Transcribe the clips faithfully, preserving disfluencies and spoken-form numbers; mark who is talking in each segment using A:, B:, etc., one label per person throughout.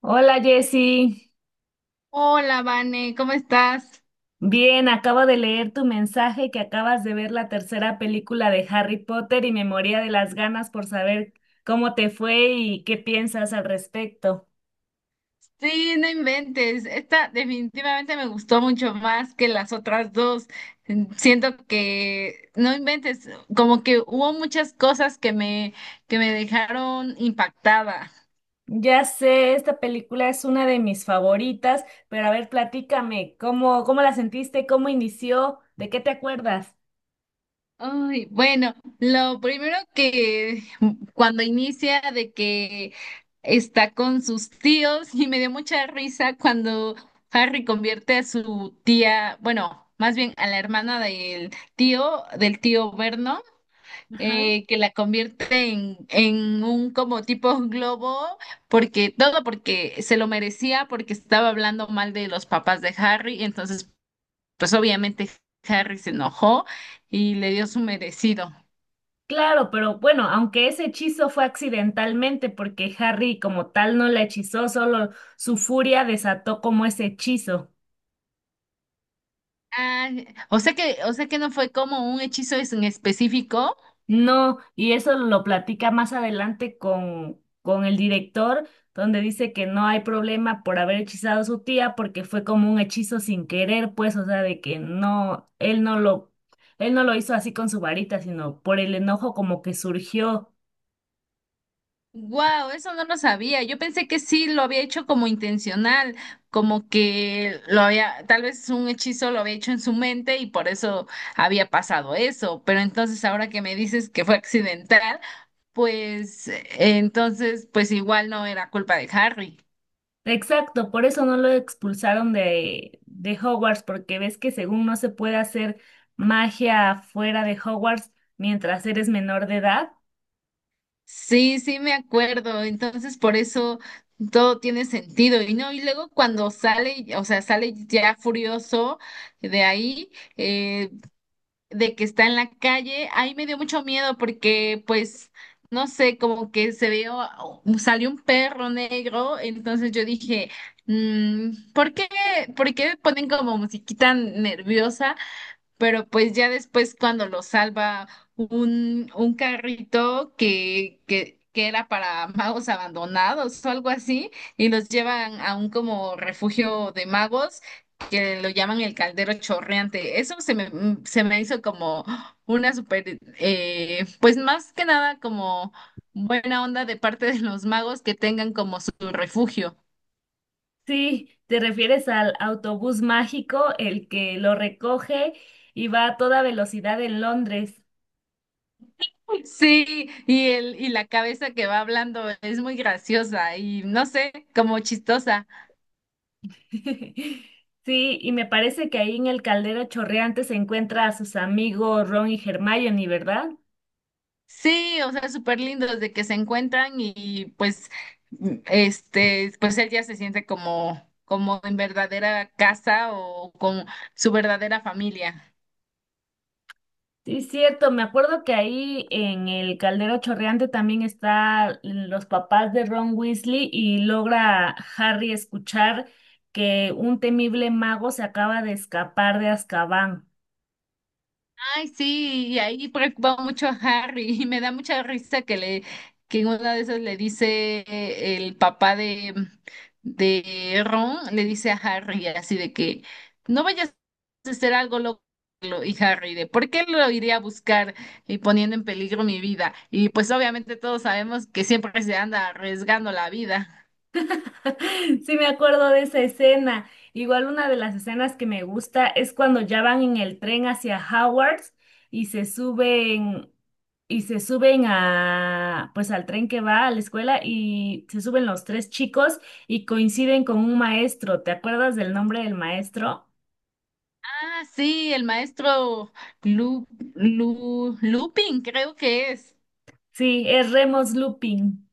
A: Hola Jessy,
B: Hola, Vane, ¿cómo estás?
A: bien, acabo de leer tu mensaje que acabas de ver la tercera película de Harry Potter y me moría de las ganas por saber cómo te fue y qué piensas al respecto.
B: Sí, no inventes. Esta definitivamente me gustó mucho más que las otras dos. Siento que, no inventes, como que hubo muchas cosas que me, que me dejaron impactada.
A: Ya sé, esta película es una de mis favoritas, pero a ver, platícame, ¿cómo, cómo la sentiste? ¿Cómo inició? ¿De qué te acuerdas?
B: Ay, bueno, lo primero que cuando inicia de que está con sus tíos y me dio mucha risa cuando Harry convierte a su tía, bueno, más bien a la hermana del tío, del tío Vernon,
A: Ajá.
B: eh, que la convierte en, en un como tipo globo, porque todo porque se lo merecía, porque estaba hablando mal de los papás de Harry, entonces pues obviamente Harry se enojó y le dio su merecido.
A: Claro, pero bueno, aunque ese hechizo fue accidentalmente, porque Harry como tal no la hechizó, solo su furia desató como ese hechizo.
B: Ah, o sea que, o sea que no fue como un hechizo es- en específico.
A: No, y eso lo platica más adelante con, con el director, donde dice que no hay problema por haber hechizado a su tía porque fue como un hechizo sin querer, pues, o sea, de que no, él no lo, él no lo hizo así con su varita, sino por el enojo como que surgió.
B: Wow, eso no lo sabía. Yo pensé que sí lo había hecho como intencional, como que lo había, tal vez un hechizo lo había hecho en su mente y por eso había pasado eso. Pero entonces ahora que me dices que fue accidental, pues eh, entonces, pues igual no era culpa de Harry.
A: Exacto, por eso no lo expulsaron de, de Hogwarts, porque ves que según no se puede hacer magia fuera de Hogwarts mientras eres menor de edad.
B: Sí, sí me acuerdo. Entonces, por eso todo tiene sentido. Y no, y luego cuando sale, o sea, sale ya furioso de ahí, eh, de que está en la calle, ahí me dio mucho miedo porque, pues, no sé, como que se vio, oh, oh, salió un perro negro. Entonces yo dije, mm, ¿por qué, por qué ponen como musiquita nerviosa? Pero pues ya después cuando lo salva un, un carrito que, que, que era para magos abandonados o algo así, y los llevan a un como refugio de magos que lo llaman el caldero chorreante. Eso se me, mm, Se me hizo como una super, eh, pues más que nada como buena onda de parte de los magos que tengan como su refugio.
A: Sí, te refieres al autobús mágico, el que lo recoge y va a toda velocidad en Londres.
B: Sí, y el, y la cabeza que va hablando es muy graciosa y no sé, como chistosa.
A: Sí, y me parece que ahí en el caldero chorreante se encuentra a sus amigos Ron y Hermione, ¿verdad?
B: Sí, o sea, súper lindo desde que se encuentran y pues mm, este, pues él ya se siente como, como en verdadera casa o con su verdadera familia.
A: Sí, es cierto, me acuerdo que ahí en el caldero chorreante también están los papás de Ron Weasley y logra Harry escuchar que un temible mago se acaba de escapar de Azkaban.
B: Ay, sí, y ahí preocupa mucho a Harry y me da mucha risa que le que en una de esas le dice eh, el papá de de Ron le dice a Harry así de que no vayas a hacer algo loco y Harry de ¿por qué lo iría a buscar y poniendo en peligro mi vida? Y pues obviamente todos sabemos que siempre se anda arriesgando la vida.
A: Sí, me acuerdo de esa escena. Igual una de las escenas que me gusta es cuando ya van en el tren hacia Howard's y se suben y se suben a pues al tren que va a la escuela y se suben los tres chicos y coinciden con un maestro. ¿Te acuerdas del nombre del maestro?
B: Ah, sí, el maestro Lu, Lu, Lupin creo que es.
A: Sí, es Remus Lupin.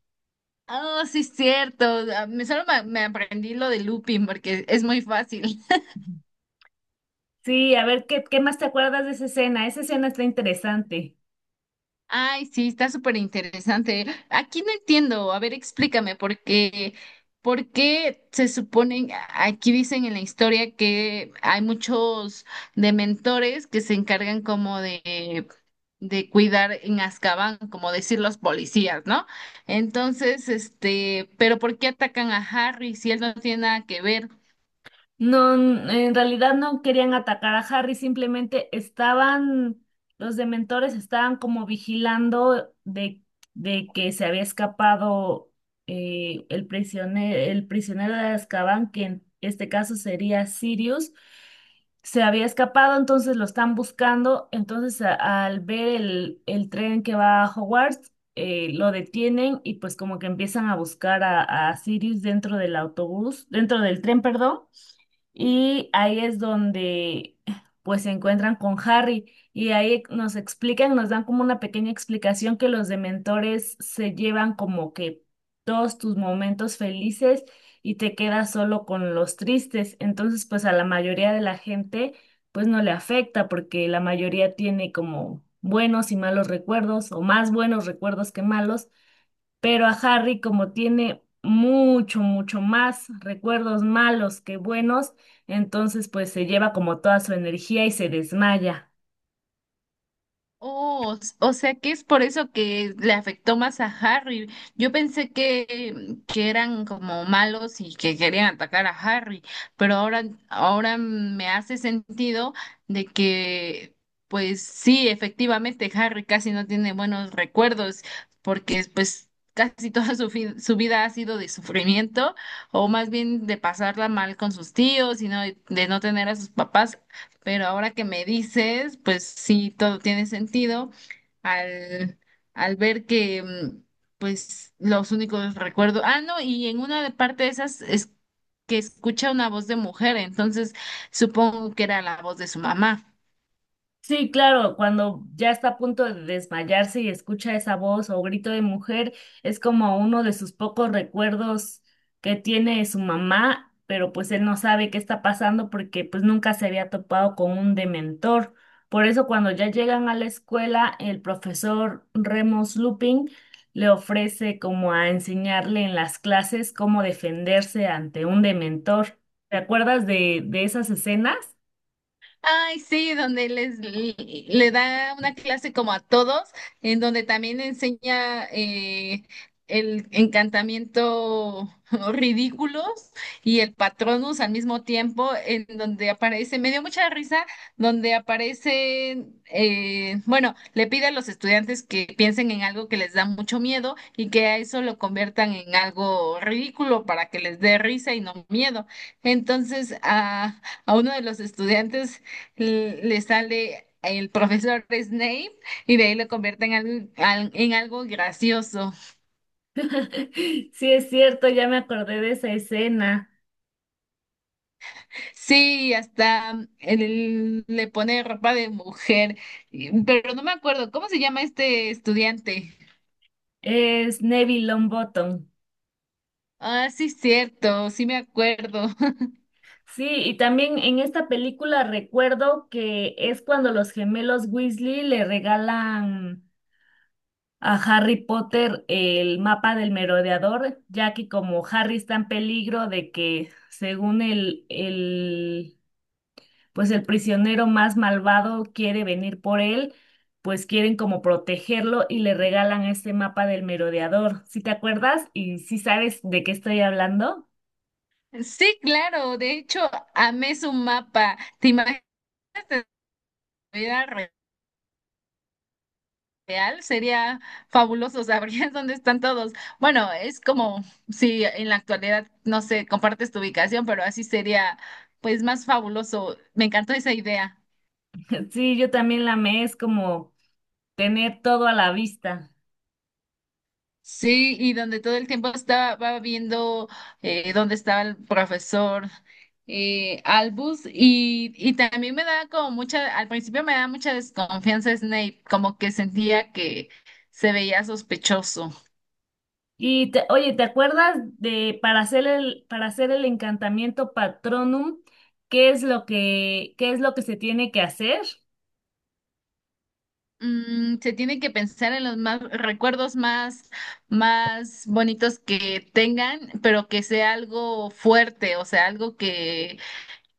B: Oh, sí, es cierto. Ah, Me, solo me, me aprendí lo de looping porque es muy fácil.
A: Sí, a ver qué qué más te acuerdas de esa escena. Esa escena está interesante.
B: Ay, sí, está súper interesante. Aquí no entiendo. A ver, explícame por qué, por qué se suponen, aquí dicen en la historia que hay muchos dementores que se encargan como de, de cuidar en Azkaban, como decir los policías, ¿no? Entonces, este, pero ¿por qué atacan a Harry si él no tiene nada que ver?
A: No, n- en realidad no querían atacar a Harry, simplemente estaban, los dementores estaban como vigilando de, de que se había escapado eh, el prisionero, el prisionero de Azkaban, que en este caso sería Sirius, se había escapado, entonces lo están buscando, entonces a- al ver el, el tren que va a Hogwarts, eh, lo detienen y pues como que empiezan a buscar a, a Sirius dentro del autobús, dentro del tren, perdón. Y ahí es donde pues se encuentran con Harry y ahí nos explican, nos dan como una pequeña explicación que los dementores se llevan como que todos tus momentos felices y te quedas solo con los tristes. Entonces pues a la mayoría de la gente pues no le afecta porque la mayoría tiene como buenos y malos recuerdos o más buenos recuerdos que malos. Pero a Harry, como tiene mucho, mucho más recuerdos malos que buenos, entonces pues se lleva como toda su energía y se desmaya.
B: Oh, s- o sea que es por eso que le afectó más a Harry. Yo pensé que, que eran como malos y que querían atacar a Harry, pero ahora, ahora me hace sentido de que, pues sí, efectivamente Harry casi no tiene buenos recuerdos porque pues casi toda su, fi- su vida ha sido de sufrimiento o más bien de pasarla mal con sus tíos y no, de no tener a sus papás. Pero ahora que me dices, pues sí, todo tiene sentido al, al ver que, mm, pues, los únicos recuerdos. Ah, no, y en una de parte de esas es que escucha una voz de mujer, entonces supongo que era la voz de su mamá.
A: Sí, claro, cuando ya está a punto de desmayarse y escucha esa voz o grito de mujer, es como uno de sus pocos recuerdos que tiene de su mamá, pero pues él no sabe qué está pasando porque pues nunca se había topado con un dementor. Por eso cuando ya llegan a la escuela, el profesor Remus Lupin le ofrece como a enseñarle en las clases cómo defenderse ante un dementor. ¿Te acuerdas de, de esas escenas?
B: Ay, sí, donde les le da una clase como a todos, en donde también enseña eh, el encantamiento ridículos y el Patronus al mismo tiempo, en donde aparece, me dio mucha risa, donde aparecen, eh, bueno, le pide a los estudiantes que piensen en algo que les da mucho miedo y que a eso lo conviertan en algo ridículo para que les dé risa y no miedo. Entonces, a a uno de los estudiantes l- le sale el profesor Snape y de ahí lo convierte en algo, al- en algo gracioso.
A: Sí, es cierto, ya me acordé de esa escena.
B: Sí, hasta él le pone ropa de mujer, y- pero no me acuerdo, ¿cómo se llama este estudiante?
A: Es Neville Longbottom.
B: Ah, sí, cierto, sí me acuerdo.
A: Sí, y también en esta película recuerdo que es cuando los gemelos Weasley le regalan a Harry Potter el mapa del merodeador, ya que como Harry está en peligro de que, según el, el pues el prisionero más malvado quiere venir por él, pues quieren como protegerlo y le regalan este mapa del merodeador. ¿Sí te acuerdas? ¿Y sí sabes de qué estoy hablando?
B: Sí, claro, de hecho, amé su mapa. ¿Te imaginas? Real sería fabuloso, sabrías dónde están todos. Bueno, es como si en la actualidad, no sé, compartes tu ubicación, pero así sería pues más fabuloso. Me encantó esa idea.
A: Sí, yo también la amé, es como tener todo a la vista.
B: Sí, y donde todo el tiempo estaba va viendo eh, dónde estaba el profesor eh, Albus y, y también me da como mucha, al principio me da mucha desconfianza Snape, como que sentía que se veía sospechoso.
A: Y te- oye, ¿te acuerdas de para hacer el para hacer el encantamiento Patronum, qué es lo que qué es lo que se tiene que hacer?
B: Mm, se tiene que pensar en los más recuerdos más, más bonitos que tengan, pero que sea algo fuerte, o sea, algo que,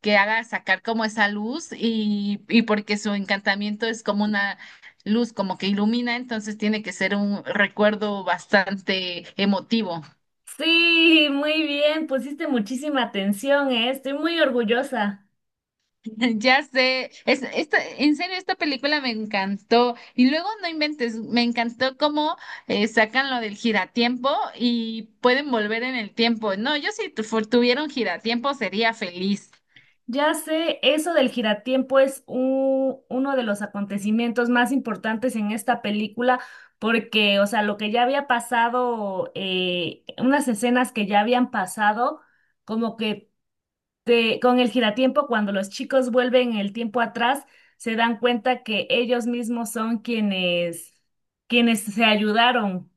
B: que haga sacar como esa luz y, y porque su encantamiento es como una luz, como que ilumina, entonces tiene que ser un recuerdo bastante emotivo.
A: Sí, muy bien, pusiste muchísima atención, ¿eh? Estoy muy orgullosa.
B: Ya sé, es, esta, en serio, esta película me encantó. Y luego no inventes, me encantó cómo eh, sacan lo del giratiempo y pueden volver en el tiempo. No, yo si tu- fu- tuviera un giratiempo sería feliz.
A: Ya sé, eso del giratiempo es u- uno de los acontecimientos más importantes en esta película, porque, o sea, lo que ya había pasado, eh, unas escenas que ya habían pasado, como que te- con el giratiempo, cuando los chicos vuelven el tiempo atrás, se dan cuenta que ellos mismos son quienes, quienes se ayudaron.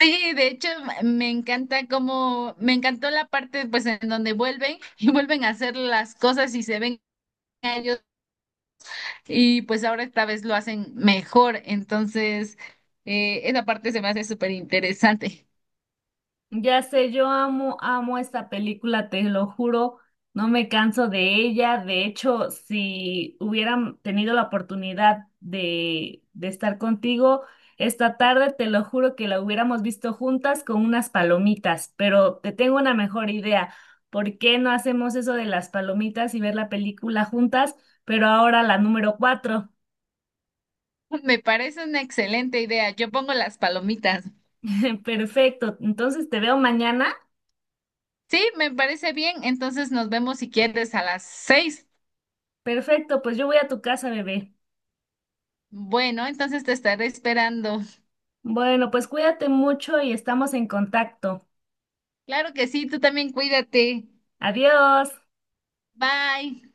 B: Sí, de hecho, me encanta como me encantó la parte pues en donde vuelven y vuelven a hacer las cosas y se ven a ellos y pues ahora esta vez lo hacen mejor. Entonces, eh, esa parte se me hace súper interesante.
A: Ya sé, yo amo, amo esta película, te lo juro, no me canso de ella. De hecho, si hubieran tenido la oportunidad de, de estar contigo esta tarde, te lo juro que la hubiéramos visto juntas con unas palomitas, pero te tengo una mejor idea. ¿Por qué no hacemos eso de las palomitas y ver la película juntas? Pero ahora la número cuatro.
B: Me parece una excelente idea. Yo pongo las palomitas.
A: Perfecto, entonces te veo mañana.
B: Sí, me parece bien. Entonces nos vemos si quieres a las seis.
A: Perfecto, pues yo voy a tu casa, bebé.
B: Bueno, entonces te estaré esperando.
A: Bueno, pues cuídate mucho y estamos en contacto.
B: Claro que sí, tú también cuídate.
A: Adiós.
B: Bye.